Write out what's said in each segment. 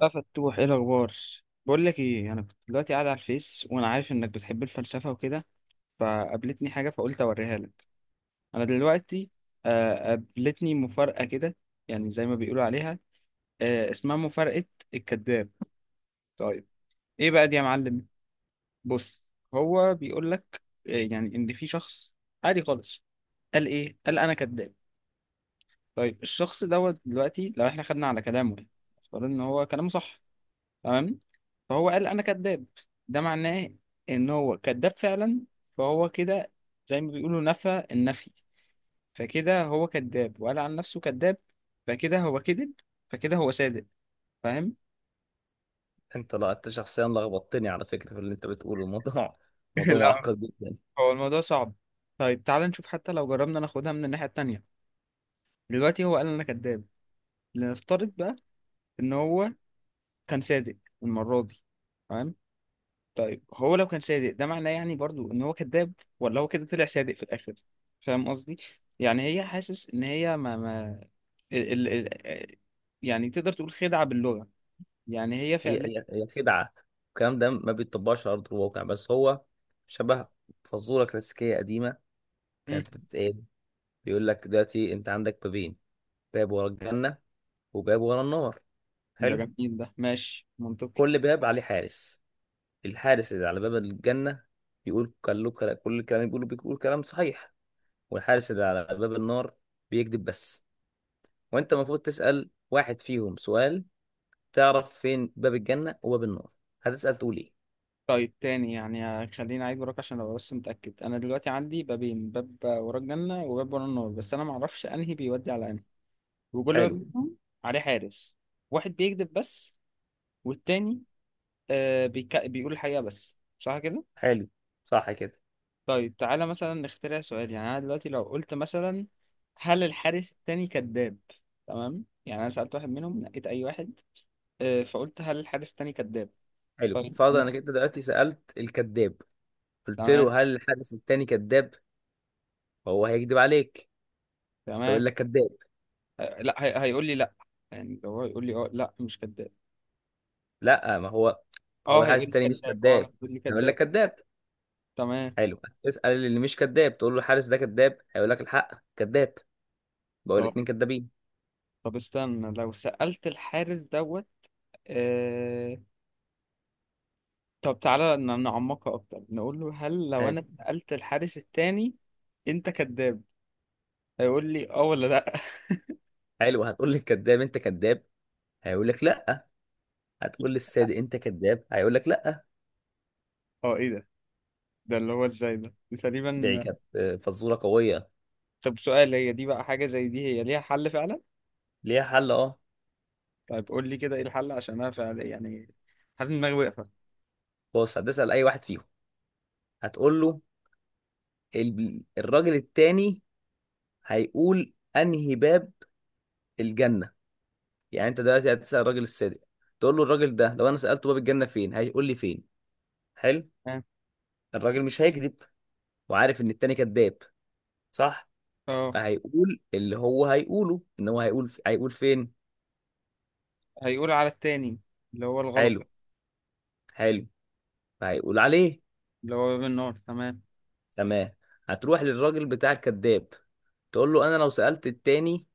بقى فتوح ايه الاخبار؟ بقول لك ايه، انا كنت دلوقتي قاعد على الفيس وانا عارف انك بتحب الفلسفه وكده، فقابلتني حاجه فقلت اوريها لك. انا دلوقتي قابلتني مفارقه كده، يعني زي ما بيقولوا عليها. اسمها مفارقه الكذاب. طيب، ايه بقى دي يا معلم؟ بص، هو بيقول لك يعني ان في شخص عادي خالص قال ايه، قال انا كذاب. طيب الشخص دوت دلوقتي لو احنا خدنا على كلامه، يعني افترض ان هو كلامه صح، تمام، فهو قال انا كذاب. ده معناه ان هو كذاب فعلا، فهو كده زي ما بيقولوا نفى النفي، فكده هو كذاب وقال عن نفسه كذاب فكده هو كذب، فكده هو صادق، فاهم؟ انت لا انت شخصيا لخبطتني على فكره في اللي انت بتقوله. الموضوع موضوع لا، معقد جدا. هو الموضوع صعب. طيب تعال نشوف، حتى لو جربنا ناخدها من الناحية التانية، دلوقتي هو قال انا كذاب، لنفترض بقى ان هو كان صادق المرة دي، تمام. طيب هو لو كان صادق، ده معناه يعني برضو ان هو كذاب، ولا هو كده طلع صادق في الاخر؟ فاهم قصدي؟ يعني هي حاسس ان هي ما ما ال... ال... ال... يعني تقدر تقول خدعة باللغة، يعني هي هي فعلا. هي هي خدعه. الكلام ده ما بيتطبقش على ارض الواقع، بس هو شبه فزوره كلاسيكيه قديمه مم. كانت بتتقال. بيقول لك دلوقتي انت عندك بابين، باب ورا الجنه، وباب ورا النار. ده حلو. جميل، ده ماشي منطقي. كل باب عليه حارس. الحارس اللي على باب الجنه بيقول كل الكلام اللي بيقوله، بيقول كلام صحيح. والحارس اللي على باب النار بيكذب بس. وانت المفروض تسأل واحد فيهم سؤال، تعرف فين باب الجنة وباب النار. هتسأل تقول ايه؟ طيب تاني، يعني خليني اعيد وراك عشان ابقى بس متأكد، انا دلوقتي عندي بابين، باب ورا الجنة وباب ورا النار، بس انا معرفش انهي بيودي على انهي، وكل باب حلو. منهم عليه حارس، واحد بيكذب بس والتاني بيقول الحقيقة، بس صح كده؟ حلو. صح كده. طيب تعالى مثلا نخترع سؤال، يعني انا دلوقتي لو قلت مثلا هل الحارس التاني كذاب؟ تمام، يعني انا سألت واحد منهم، نقيت اي واحد، فقلت هل الحارس التاني كذاب؟ حلو. طيب. فرض انك انت دلوقتي سألت الكذاب، قلت تمام. له هل الحارس التاني كذاب، فهو هيكذب عليك، تمام. فيقول لك كذاب. آه، لا هي... هيقول لي لا، يعني لو هو هيقول لي اه، لا مش كذاب، لا، ما هو اه الحارس هيقول لي التاني مش كذاب، اه كذاب، هيقول لي هيقول لك كذاب، كذاب. تمام، حلو. اسأل اللي مش كذاب، تقول له الحارس ده كذاب، هيقول لك الحق كذاب. بقول اه. الاتنين كذابين. طب استنى، لو سألت الحارس دوت آه... طب تعالى نعمقها اكتر، نقول له هل لو حلو. انا سألت الحارس التاني انت كذاب؟ هيقول لي اه ولا لا؟ حلو. هتقول للكذاب انت كذاب، هيقول لك لا. هتقول للصادق انت كذاب، هيقول لك لا. اه، ايه ده؟ ده اللي هو ازاي؟ ده دي دي تقريبا. كانت فزوره قويه. طب سؤال، هي دي بقى حاجة زي دي هي ليها حل فعلا؟ ليها حل، اه. طيب قول لي كده ايه الحل، عشان انا فعلا يعني حاسس ان دماغي واقفة. بص، هتسأل اي واحد فيهم، هتقول له الراجل التاني هيقول انهي باب الجنة. يعني انت دلوقتي هتسأل الراجل الصادق، تقول له الراجل ده لو انا سألته باب الجنة فين هيقول لي فين. حلو. اه، الراجل مش هيكذب، وعارف ان التاني كذاب، صح؟ اه، فهيقول اللي هو هيقوله، ان هو هيقول فين. هيقول على التاني، اللي هو الغلط، حلو. حلو. فهيقول عليه. اللي هو باب النار، تمام. تمام. هتروح للراجل بتاع الكذاب، تقول له انا لو سألت التاني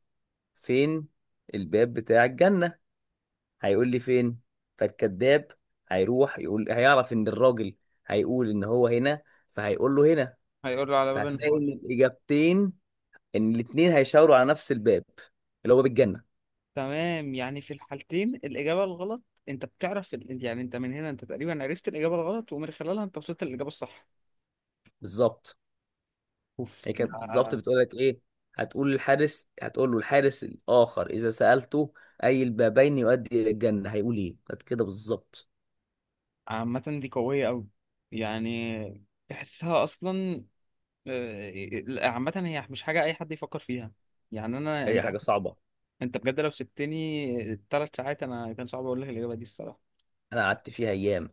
فين الباب بتاع الجنة، هيقول لي فين. فالكذاب هيروح يقول، هيعرف ان الراجل هيقول ان هو هنا، فهيقول له هنا. هيقول له على باب فهتلاقي النار، ان الاجابتين، ان الاثنين هيشاوروا على نفس الباب، اللي هو باب الجنه. تمام، يعني في الحالتين الإجابة الغلط. انت بتعرف يعني انت من هنا انت تقريبا عرفت الإجابة الغلط، ومن خلالها انت وصلت للإجابة الصح. بالظبط. اوف هي ده. كانت بالظبط بتقول لك ايه، هتقول للحارس، هتقول له الحارس الاخر اذا سالته اي البابين يؤدي الى الجنه هيقول ايه. كانت كده بالظبط. عامة دي قوية قوي، يعني تحسها اصلا. عامة هي مش حاجة أي حد يفكر فيها، يعني أنا، هي أنت، حاجه صعبه. أنت بجد لو سبتني 3 ساعات أنا كان صعب أقول لك الإجابة دي الصراحة. انا قعدت فيها ايام،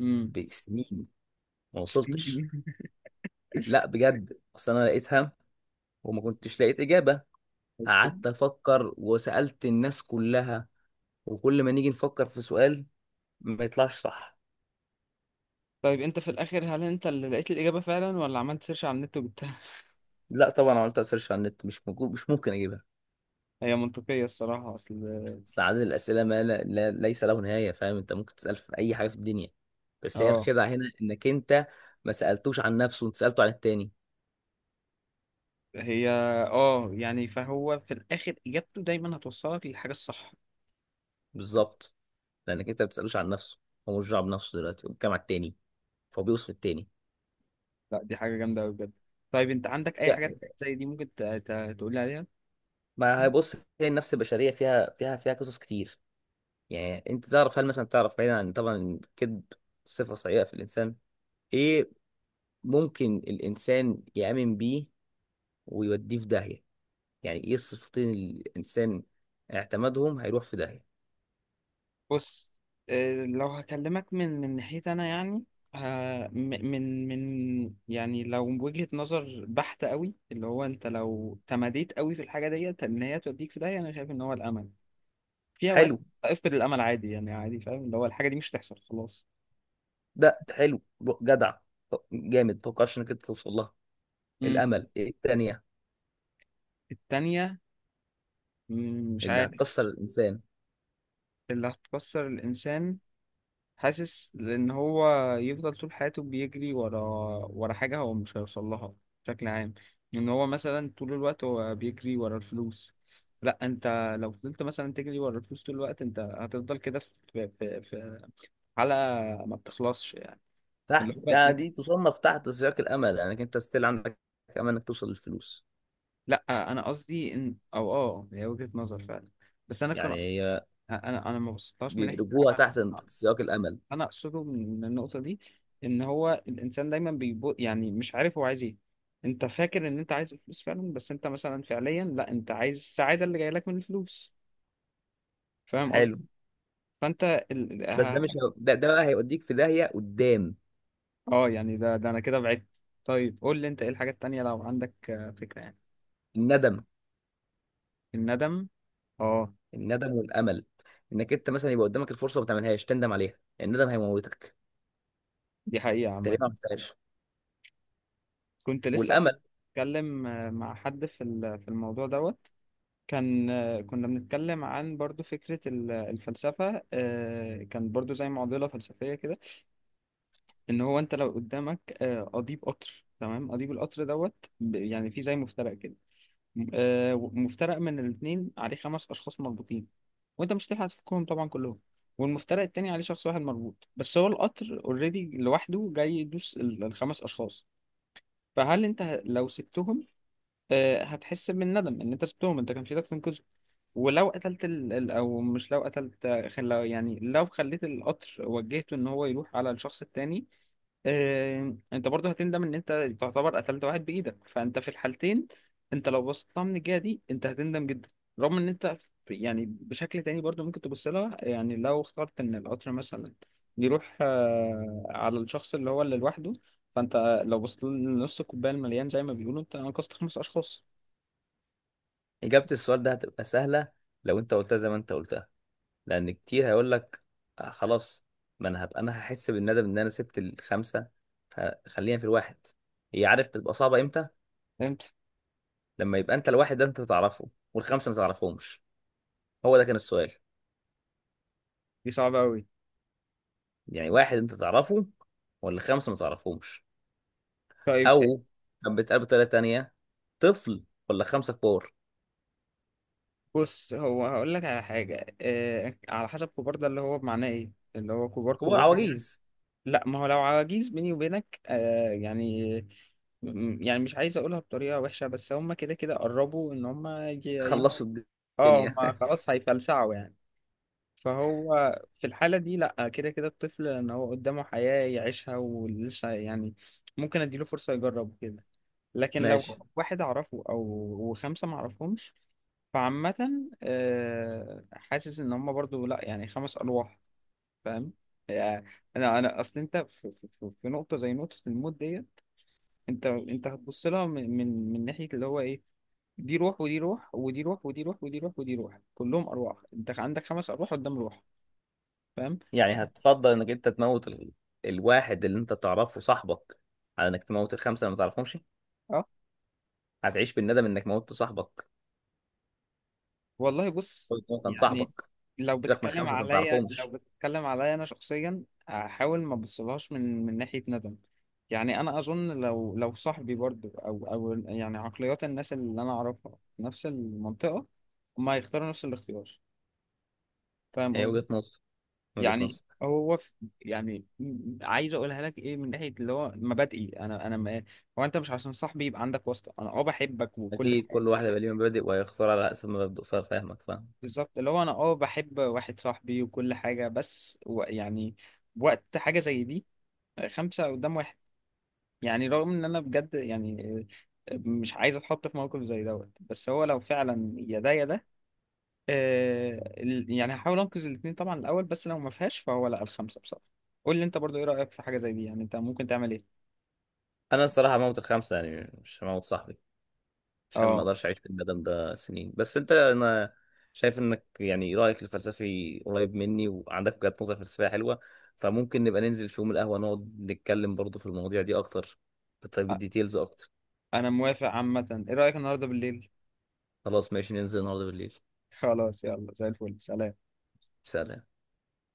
امم. بسنين ما وصلتش. لا بجد، اصل انا لقيتها، وما كنتش لقيت اجابه. أوكي. قعدت افكر وسألت الناس كلها، وكل ما نيجي نفكر في سؤال ما يطلعش صح. طيب أنت في الآخر هل أنت اللي لقيت الإجابة فعلا ولا عملت سيرش على النت وجبتها؟ لا طبعا، عملت سيرش على النت، مش موجود، مش ممكن اجيبها. هي منطقية الصراحة، أصل اصل عدد الاسئله ما لا لا ليس له نهايه. فاهم، انت ممكن تسال في اي حاجه في الدنيا. بس هي أه. الخدعه هنا انك انت ما سالتوش عن نفسه، انت سالته عن التاني. هي أه، يعني فهو في الآخر إجابته دايما هتوصلك للحاجة الصح. بالظبط. لانك انت ما بتسالوش عن نفسه، هو مش دعوه بنفسه دلوقتي، هو بيتكلم على التاني، فهو بيوصف التاني. لا، دي حاجة جامدة أوي بجد. طيب أنت عندك أي حاجات يعني زي دي ممكن تقول لي عليها؟ ما هيبص، هي النفس البشريه فيها قصص كتير. يعني انت تعرف، هل مثلا تعرف، بعيدا عن طبعا الكذب صفة سيئة في الانسان، ايه ممكن الانسان يأمن بيه ويوديه في داهية؟ يعني ايه الصفتين اللي الانسان اعتمدهم هيروح في داهية؟ بص، لو هكلمك من ناحيتي انا يعني من يعني لو وجهة نظر بحتة قوي، اللي هو انت لو تماديت قوي في الحاجة ديت ان هي توديك في داهية، انا شايف ان هو الامل. في اوقات حلو. افقد الامل عادي، يعني عادي، فاهم؟ اللي هو الحاجة دي مش هتحصل خلاص. ده حلو. جدع. جامد، متوقعش انك انت توصل لها. امم. الامل. ايه التانية التانية، مش اللي عارف. هتكسر الانسان؟ اللي هتكسر الانسان، حاسس لان هو يفضل طول حياته بيجري ورا حاجه هو مش هيوصل لها بشكل عام. ان هو مثلا طول الوقت هو بيجري ورا الفلوس، لا انت لو فضلت مثلا تجري ورا الفلوس طول الوقت انت هتفضل كده في حلقه ما بتخلصش يعني. اللي تحت، هو يعني دي تصنف تحت سياق الامل، لانك انت ستيل عندك امل انك توصل للفلوس. لا، انا قصدي ان او اه هي وجهه نظر فعلا، بس انا كان، يعني هي انا ما بصيتهاش من ناحيه بيدرجوها العمل. تحت سياق الامل. انا اقصده من النقطه دي، ان هو الانسان دايما بيبو، يعني مش عارف هو عايز ايه، انت فاكر ان انت عايز الفلوس فعلا بس انت مثلا فعليا لا، انت عايز السعاده اللي جايه لك من الفلوس، فاهم حلو. قصدي؟ فانت بس ده مش ده، ده بقى هيوديك في داهيه قدام. اه يعني ده انا كده بعدت. طيب قول لي انت ايه الحاجات التانية لو عندك فكره يعني. الندم. الندم، اه. الندم والامل. انك انت مثلا يبقى قدامك الفرصه وما تعملهاش تندم عليها، الندم هيموتك. دي حقيقه تقريبا عامه. ما عملتهاش. كنت لسه اصلا والامل. اتكلم مع حد في في الموضوع دوت. كان كنا بنتكلم عن برضو فكرة الفلسفة، كان برضو زي معضلة فلسفية كده. إن هو أنت لو قدامك قضيب قطر، تمام، قضيب القطر دوت يعني في زي مفترق كده، مفترق من الاتنين عليه 5 أشخاص مربوطين وأنت مش هتلحق تفكهم طبعا كلهم، والمفترق التاني عليه شخص واحد مربوط بس، هو القطر اوريدي لوحده جاي يدوس ال5 أشخاص. فهل أنت لو سبتهم هتحس بالندم إن أنت سبتهم، أنت كان في إيدك تنقذهم؟ ولو قتلت ال... ال- او مش لو قتلت خل... لو- يعني لو خليت القطر وجهته ان هو يروح على الشخص التاني، انت برضه هتندم ان انت تعتبر قتلت واحد بايدك، فانت في الحالتين، انت لو بصيت لها من الجهه دي انت هتندم جدا. رغم ان انت يعني بشكل تاني برضه ممكن تبص لها، يعني لو اخترت ان القطر مثلا يروح على الشخص اللي هو اللي لوحده، فانت لو بصيت لنص الكوبايه المليان زي ما بيقولوا، انت انقذت 5 اشخاص. اجابه السؤال ده هتبقى سهله لو انت قلتها زي ما انت قلتها. لان كتير هيقول لك آه خلاص، ما انا هبقى انا هحس بالندم ان انا سبت الخمسه، فخلينا في الواحد. هي، عارف بتبقى صعبه امتى؟ فهمت. لما يبقى انت الواحد ده انت تعرفه والخمسه ما تعرفهمش. هو ده كان السؤال. دي صعبه قوي. يعني واحد انت تعرفه ولا خمسه ما تعرفهمش؟ طيب او كان بيتقال بطريقه تانية، طفل ولا خمسه كبار؟ بص، هو هقول لك على حاجة. إيه على حسب؟ كبار ده اللي هو بمعناه ايه، اللي هو كبار كبار كبار يعني. عواجيز لا، ما هو لو عواجيز بيني وبينك يعني، يعني مش عايز اقولها بطريقة وحشة بس هم كده كده قربوا ان هم يبقوا، خلصوا اه هم الدنيا. خلاص هيفلسعوا يعني. فهو في الحالة دي لا، كده كده الطفل ان هو قدامه حياة يعيشها ولسه يعني ممكن اديله فرصة يجرب كده، لكن ماشي. لو واحد اعرفه او و5 ما اعرفهمش، فعامة حاسس ان هم برضو لا، يعني 5 ارواح، فاهم يعني؟ انا اصل انت في نقطة زي نقطة الموت ديت، انت هتبص لها من ناحية اللي هو ايه، دي روح ودي روح ودي روح ودي روح ودي روح ودي روح، كلهم ارواح، انت عندك 5 ارواح قدام روح، فاهم؟ يعني هتفضل انك انت تموت الواحد اللي انت تعرفه صاحبك، على انك تموت الخمسه اللي ما تعرفهمش. أه؟ هتعيش بالندم انك موتت صاحبك. والله بص. قلت إن هو كان يعني صاحبك. لو سيبك من بتتكلم خمسه انت ما عليا، لو تعرفهمش. بتتكلم عليا انا شخصيا احاول ما ابصلهاش من ناحيه ندم. يعني انا اظن لو صاحبي برضو او يعني عقليات الناس اللي انا اعرفها في نفس المنطقه هم هيختاروا نفس الاختيار، فاهم هي قصدي؟ وجهه نظر من وجهه يعني نظر. هو في، يعني عايز اقولها لك ايه، من ناحيه اللي هو مبادئي، انا ما، هو انت مش عشان صاحبي يبقى عندك واسطه، انا اه بحبك وكل اكيد حاجه. كل واحد يبقى ليه مبادئ وهيختار على حسب مبادئه، فاهمك، فاهم. بالظبط، اللي هو انا اه بحب واحد صاحبي وكل حاجة، بس و يعني وقت حاجة زي دي، 5 قدام واحد، يعني رغم ان انا بجد يعني مش عايز اتحط في موقف زي دوت، بس هو لو فعلا يا ده يا ده آه، يعني هحاول انقذ الاتنين طبعا الاول، بس لو ما فيهاش فهو لا، ال5 بصراحة. قول لي انت برضو ايه رأيك في حاجة زي دي، يعني انت ممكن تعمل ايه؟ انا الصراحه هموت الخمسه يعني، مش هموت صاحبي، عشان ما اه. اقدرش اعيش في الندم ده سنين. بس انا شايف انك يعني رايك الفلسفي قريب مني، وعندك وجهة نظر فلسفية حلوة. فممكن نبقى ننزل في يوم القهوة نقعد نتكلم برضو في المواضيع دي اكتر، بالتفاصيل- أ- بالديتيلز اكتر. انا موافق عامة. ايه رأيك النهاردة بالليل؟ خلاص ماشي، ننزل النهارده بالليل. خلاص يلا، زي الفل، سلام. سلام.